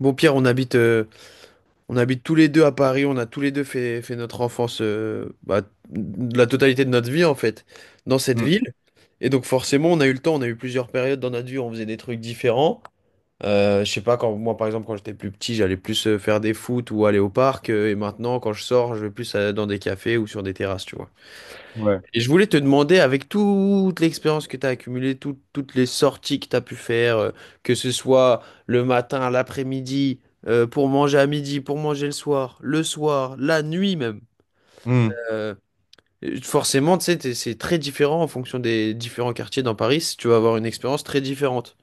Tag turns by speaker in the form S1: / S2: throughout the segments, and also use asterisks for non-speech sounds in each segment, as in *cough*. S1: Bon, Pierre, on habite tous les deux à Paris. On a tous les deux fait notre enfance, de la totalité de notre vie en fait, dans cette
S2: Mm.
S1: ville. Et donc forcément, on a eu le temps, on a eu plusieurs périodes dans notre vie où on faisait des trucs différents. Je sais pas, quand moi par exemple, quand j'étais plus petit, j'allais plus faire des foot ou aller au parc. Et maintenant, quand je sors, je vais plus dans des cafés ou sur des terrasses, tu vois.
S2: Ouais.
S1: Et je voulais te demander, avec toute l'expérience que tu as accumulée, toutes les sorties que tu as pu faire, que ce soit le matin, à l'après-midi, pour manger à midi, pour manger le soir, la nuit même.
S2: Mm.
S1: euh, Forcément, tu sais, c'est très différent en fonction des différents quartiers dans Paris. Tu vas avoir une expérience très différente.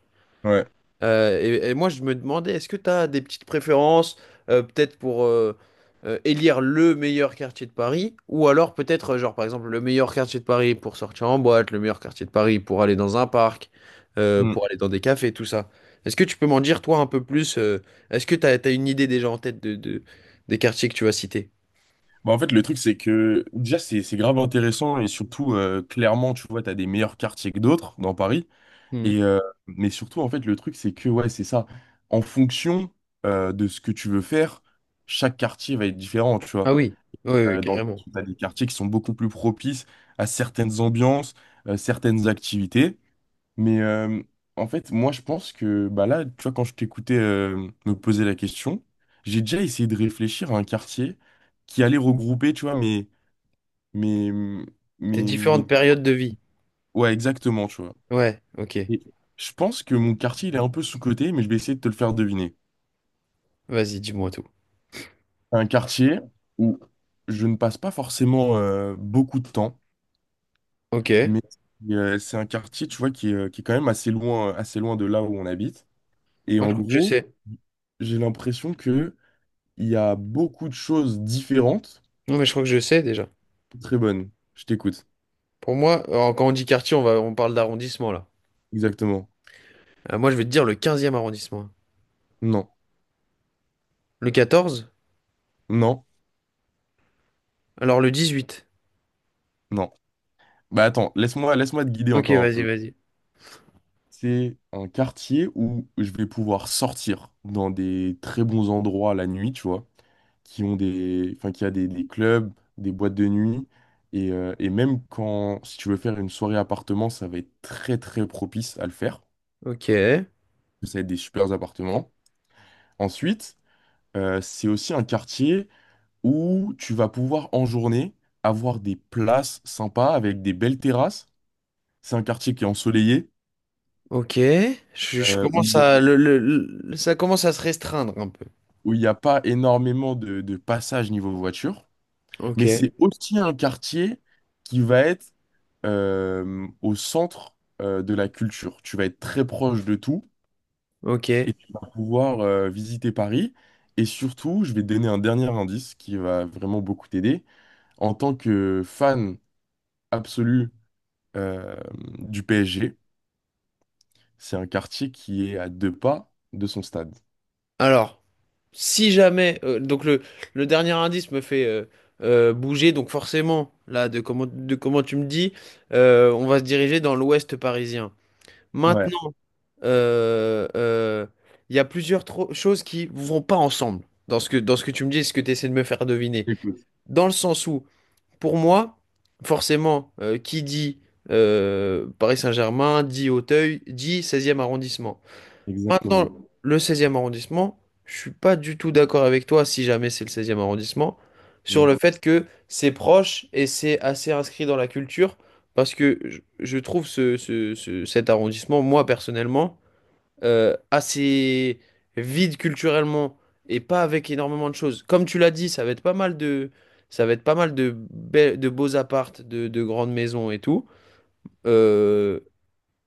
S2: Ouais.
S1: Et moi, je me demandais, est-ce que tu as des petites préférences, peut-être pour élire le meilleur quartier de Paris, ou alors peut-être, genre par exemple, le meilleur quartier de Paris pour sortir en boîte, le meilleur quartier de Paris pour aller dans un parc,
S2: Mm.
S1: pour aller dans des cafés, tout ça. Est-ce que tu peux m'en dire, toi, un peu plus, est-ce que tu as, une idée déjà en tête des quartiers que tu vas citer?
S2: Bah, en fait, le truc, c'est que déjà, c'est grave intéressant et surtout, clairement, tu vois, tu as des meilleurs quartiers que d'autres dans Paris.
S1: Hmm.
S2: Et, mais surtout, en fait, le truc, c'est que, ouais, c'est ça. En fonction de ce que tu veux faire, chaque quartier va être différent, tu vois.
S1: Ah oui, oui, carrément.
S2: Tu as des quartiers qui sont beaucoup plus propices à certaines ambiances, certaines activités. Mais euh, En fait, moi, je pense que bah là, tu vois, quand je t'écoutais me poser la question, j'ai déjà essayé de réfléchir à un quartier qui allait regrouper, tu vois, mes,
S1: Tes
S2: mes, mes-
S1: différentes périodes de vie.
S2: Ouais, exactement, tu vois.
S1: Ouais, ok.
S2: Et je pense que mon quartier, il est un peu sous-coté, mais je vais essayer de te le faire deviner.
S1: Vas-y, dis-moi tout.
S2: Un quartier où je ne passe pas forcément beaucoup de temps,
S1: Ok, moi
S2: mais c'est un quartier, tu vois, qui est quand même assez loin de là où on habite. Et
S1: je
S2: en
S1: crois que je
S2: gros,
S1: sais.
S2: j'ai l'impression que Il y a beaucoup de choses différentes.
S1: Non, mais je crois que je sais déjà.
S2: Très bonne. Je t'écoute.
S1: Pour moi, alors, quand on dit quartier, on parle d'arrondissement là.
S2: Exactement.
S1: Moi, je vais te dire le quinzième arrondissement.
S2: Non.
S1: Le quatorze.
S2: Non.
S1: Alors le dix-huit.
S2: Non. Bah attends, laisse-moi te guider
S1: Ok,
S2: encore un peu.
S1: vas-y.
S2: C'est un quartier où je vais pouvoir sortir dans des très bons endroits la nuit, tu vois, qui ont des, enfin, qui a des clubs, des boîtes de nuit. Et même quand, si tu veux faire une soirée appartement, ça va être très très propice à le faire.
S1: Ok,
S2: Ça va être des super appartements. Ensuite, c'est aussi un quartier où tu vas pouvoir en journée avoir des places sympas avec des belles terrasses. C'est un quartier qui est ensoleillé,
S1: ok. Je
S2: euh, où
S1: commence
S2: il y a-
S1: à le, ça commence à se restreindre un peu.
S2: où il n'y a pas énormément de passages niveau voiture.
S1: Ok,
S2: Mais c'est aussi un quartier qui va être au centre de la culture. Tu vas être très proche de tout
S1: ok.
S2: et tu vas pouvoir visiter Paris. Et surtout, je vais te donner un dernier indice qui va vraiment beaucoup t'aider. En tant que fan absolu euh, du PSG, c'est un quartier qui est à deux pas de son stade.
S1: Alors, si jamais, donc le dernier indice me fait bouger, donc forcément, là, de comment tu me dis, on va se diriger dans l'ouest parisien.
S2: Ouais,
S1: Maintenant. Euh, euh, Il y a plusieurs choses qui vont pas ensemble dans ce que tu me dis et ce que tu essaies de me faire deviner.
S2: écoute,
S1: Dans le sens où, pour moi, forcément, qui dit Paris Saint-Germain, dit Auteuil, dit seizième arrondissement. Maintenant,
S2: exactement.
S1: le seizième arrondissement, je suis pas du tout d'accord avec toi, si jamais c'est le seizième arrondissement, sur
S2: Mm.
S1: le fait que c'est proche et c'est assez inscrit dans la culture, parce que je trouve ce, cet arrondissement, moi personnellement, assez vide culturellement et pas avec énormément de choses. Comme tu l'as dit, ça va être pas mal de, de beaux appartes, de grandes maisons et tout. Euh,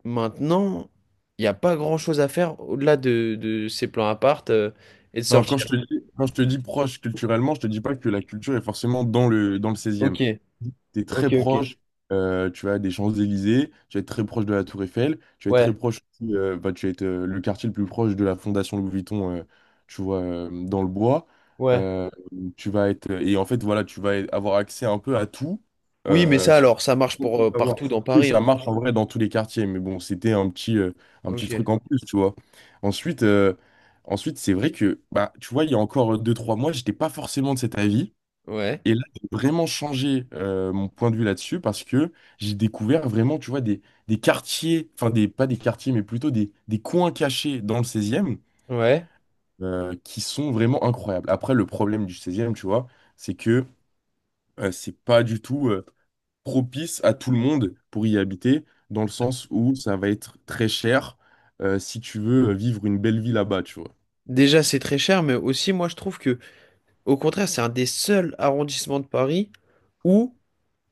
S1: maintenant, il n'y a pas grand-chose à faire au-delà de ces plans appart et de
S2: Non,
S1: sortir.
S2: quand je te dis proche culturellement, je te dis pas que la culture est forcément dans le
S1: Ok,
S2: 16e. E Tu es très
S1: ok, ok.
S2: proche, tu as des Champs-Élysées, tu vas être très proche de la Tour Eiffel, tu vas être très
S1: Ouais,
S2: proche aussi, bah, tu vas être le quartier le plus proche de la Fondation Louis Vuitton, tu vois, dans le bois.
S1: ouais.
S2: Euh, et en fait, voilà, tu vas avoir accès un peu à tout,
S1: Oui, mais
S2: euh,
S1: ça alors, ça marche pour
S2: beaucoup
S1: euh,
S2: à
S1: partout
S2: voir.
S1: dans
S2: Oui,
S1: Paris
S2: ça
S1: en soi.
S2: marche en vrai dans tous les quartiers, mais bon, c'était un petit
S1: Ok,
S2: truc en plus, tu vois. Ensuite, euh, Ensuite c'est vrai que, bah, tu vois, il y a encore deux trois mois, j'étais pas forcément de cet avis.
S1: ouais,
S2: Et là, j'ai vraiment changé mon point de vue là-dessus parce que j'ai découvert vraiment, tu vois, des quartiers, enfin, des, pas des quartiers, mais plutôt des coins cachés dans le 16e
S1: ouais.
S2: qui sont vraiment incroyables. Après, le problème du 16e, tu vois, c'est que c'est pas du tout. Propice à tout le monde pour y habiter, dans le sens où ça va être très cher si tu veux vivre une belle vie là-bas, tu vois.
S1: Déjà, c'est très cher, mais aussi, moi, je trouve que, au contraire, c'est un des seuls arrondissements de Paris où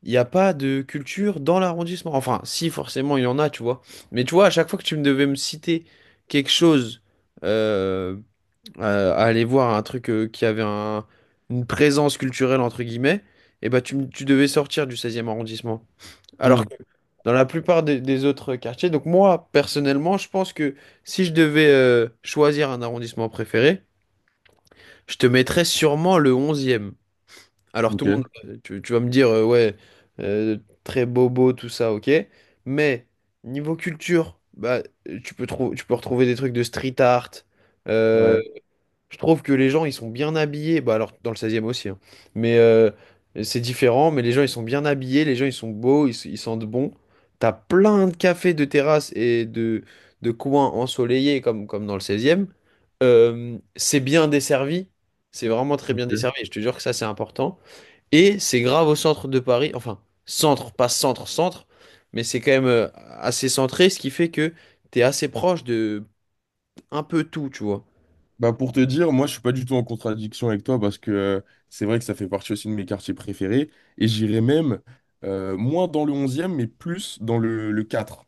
S1: il n'y a pas de culture dans l'arrondissement. Enfin, si, forcément, il y en a, tu vois. Mais tu vois, à chaque fois que tu me devais me citer quelque chose, euh, à aller voir un truc qui avait une présence culturelle, entre guillemets, et bah, tu devais sortir du seizième arrondissement. Alors
S2: Hmm.
S1: que dans la plupart des autres quartiers, donc moi, personnellement, je pense que si je devais choisir un arrondissement préféré, je te mettrais sûrement le onzième. Alors tout
S2: Ok,
S1: le monde, tu vas me dire, ouais, euh, très bobo, tout ça, ok. Mais niveau culture, bah, tu peux tu peux retrouver des trucs de street art. Euh,
S2: ouais.
S1: je trouve que les gens, ils sont bien habillés. Bah, alors dans le seizième aussi, hein. Mais c'est différent. Mais les gens, ils sont bien habillés, les gens, ils sont beaux, ils sentent bon. T'as plein de cafés, de terrasses et de coins ensoleillés comme, comme dans le seizième. C'est bien desservi. C'est vraiment très bien
S2: Ok.
S1: desservi. Je te jure que ça, c'est important. Et c'est grave au centre de Paris, enfin, centre, pas centre, centre, mais c'est quand même assez centré, ce qui fait que t'es assez proche de un peu tout, tu vois.
S2: Bah pour te dire, moi je suis pas du tout en contradiction avec toi parce que c'est vrai que ça fait partie aussi de mes quartiers préférés et j'irais même moins dans le 11e mais plus le 4e.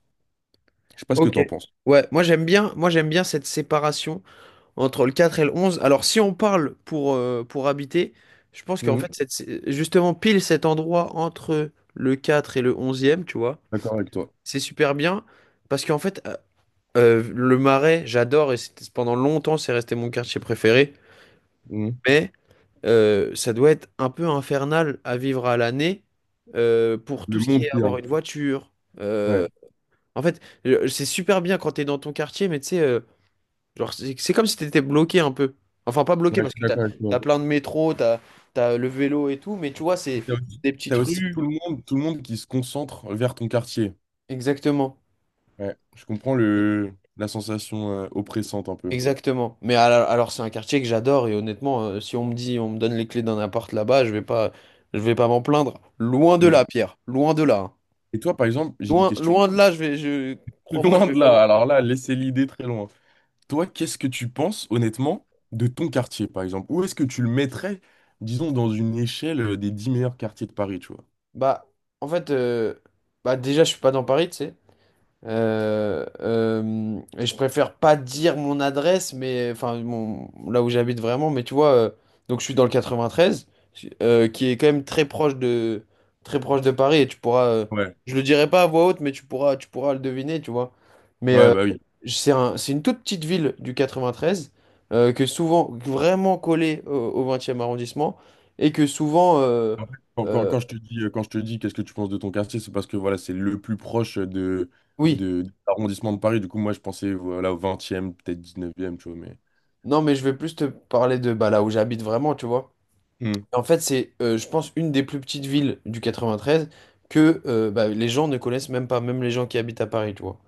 S2: Je sais pas ce que
S1: Ok.
S2: t'en penses.
S1: Ouais, moi j'aime bien cette séparation entre le 4 et le 11. Alors si on parle pour habiter, je pense qu'en
S2: Mhm.
S1: fait, cette, justement, pile cet endroit entre le 4 et le 11e, tu vois,
S2: D'accord avec toi.
S1: c'est super bien parce qu'en fait, le Marais, j'adore et pendant longtemps, c'est resté mon quartier préféré.
S2: Mhm.
S1: Mais ça doit être un peu infernal à vivre à l'année pour tout
S2: Le
S1: ce qui
S2: monde
S1: est
S2: qu'il y a.
S1: avoir une voiture.
S2: Ouais.
S1: Euh, en fait, c'est super bien quand t'es dans ton quartier, mais tu sais, genre, c'est comme si t'étais bloqué un peu. Enfin, pas bloqué
S2: Ouais, je
S1: parce
S2: suis
S1: que t'as,
S2: d'accord avec toi.
S1: t'as plein de métro, t'as, t'as le vélo et tout, mais tu vois, c'est
S2: T'as aussi,
S1: des petites
S2: t'as aussi
S1: rues.
S2: tout le monde qui se concentre vers ton quartier.
S1: Exactement.
S2: Ouais, je comprends la sensation oppressante un peu.
S1: Exactement. Mais alors, c'est un quartier que j'adore et honnêtement, si on me dit, on me donne les clés d'un appart là-bas, je vais pas m'en plaindre. Loin de
S2: Mm.
S1: là, Pierre. Loin de là, hein.
S2: Et toi, par exemple, j'ai une
S1: Loin,
S2: question.
S1: loin de là, je vais,
S2: *laughs* Loin
S1: je vais
S2: de
S1: pas
S2: là. Alors là, laissez l'idée très loin. Toi, qu'est-ce que tu penses, honnêtement, de ton quartier, par exemple? Où est-ce que tu le mettrais, disons, dans une échelle des 10 meilleurs quartiers de Paris, tu vois?
S1: Bah, en fait, bah déjà, je suis pas dans Paris, tu sais. Et je préfère pas dire mon adresse, mais enfin mon, là où j'habite vraiment, mais tu vois, donc je suis dans le 93, qui est quand même très proche de Paris, et tu pourras,
S2: Ouais.
S1: je le dirai pas à voix haute, mais tu pourras le deviner, tu vois. Mais
S2: Ouais,
S1: euh,
S2: bah oui.
S1: c'est un, c'est une toute petite ville du 93 que souvent vraiment collée au, au 20e arrondissement et que souvent,
S2: En fait,
S1: euh,
S2: quand je te dis, quand je te dis qu'est-ce que tu penses de ton quartier, c'est parce que voilà, c'est le plus proche de,
S1: oui,
S2: de l'arrondissement de Paris. Du coup, moi, je pensais voilà, au 20e peut-être 19e tu vois, mais...
S1: non, mais je vais plus te parler de bah, là où j'habite vraiment, tu vois.
S2: Mm.
S1: En fait, je pense, une des plus petites villes du 93 que bah, les gens ne connaissent même pas, même les gens qui habitent à Paris, tu vois.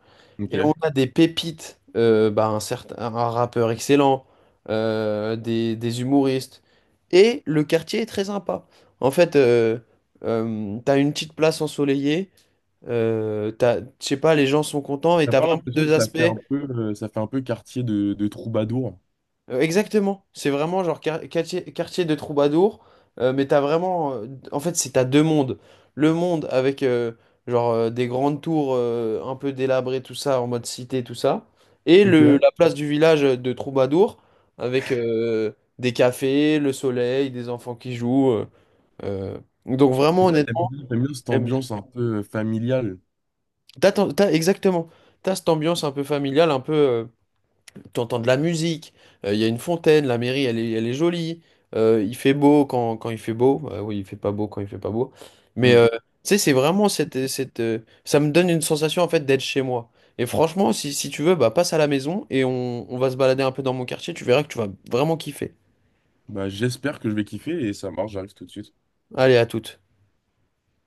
S1: Et on
S2: Ok.
S1: a des pépites, bah, un certain, un rappeur excellent, des humoristes. Et le quartier est très sympa. En fait, t'as une petite place ensoleillée, je sais pas, les gens sont contents et
S2: T'as
S1: t'as
S2: pas
S1: vraiment
S2: l'impression
S1: deux
S2: que ça fait un
S1: aspects.
S2: peu, ça fait un peu quartier de troubadour.
S1: Exactement, c'est vraiment genre quartier, quartier de troubadour, mais t'as vraiment, en fait c'est t'as deux mondes, le monde avec genre des grandes tours un peu délabrées tout ça en mode cité tout ça, et
S2: Ok.
S1: le Mhm.
S2: Et
S1: La place du village de troubadour avec des cafés, le soleil, des enfants qui jouent, euh, donc vraiment
S2: toi,
S1: honnêtement
S2: t'aimes bien cette
S1: j'aime bien.
S2: ambiance un peu familiale.
S1: T'as, exactement, t'as cette ambiance un peu familiale, un peu tu entends de la musique, il y a une fontaine, la mairie elle est jolie, il fait beau quand, quand il fait beau. Oui, il fait pas beau quand il fait pas beau, mais
S2: Hmm.
S1: euh, tu sais c'est vraiment cette, cette ça me donne une sensation en fait d'être chez moi. Et franchement si, si tu veux bah passe à la maison et on va se balader un peu dans mon quartier, tu verras que tu vas vraiment kiffer.
S2: Bah, j'espère que je vais kiffer et ça marche, j'arrive tout de suite.
S1: Allez à toutes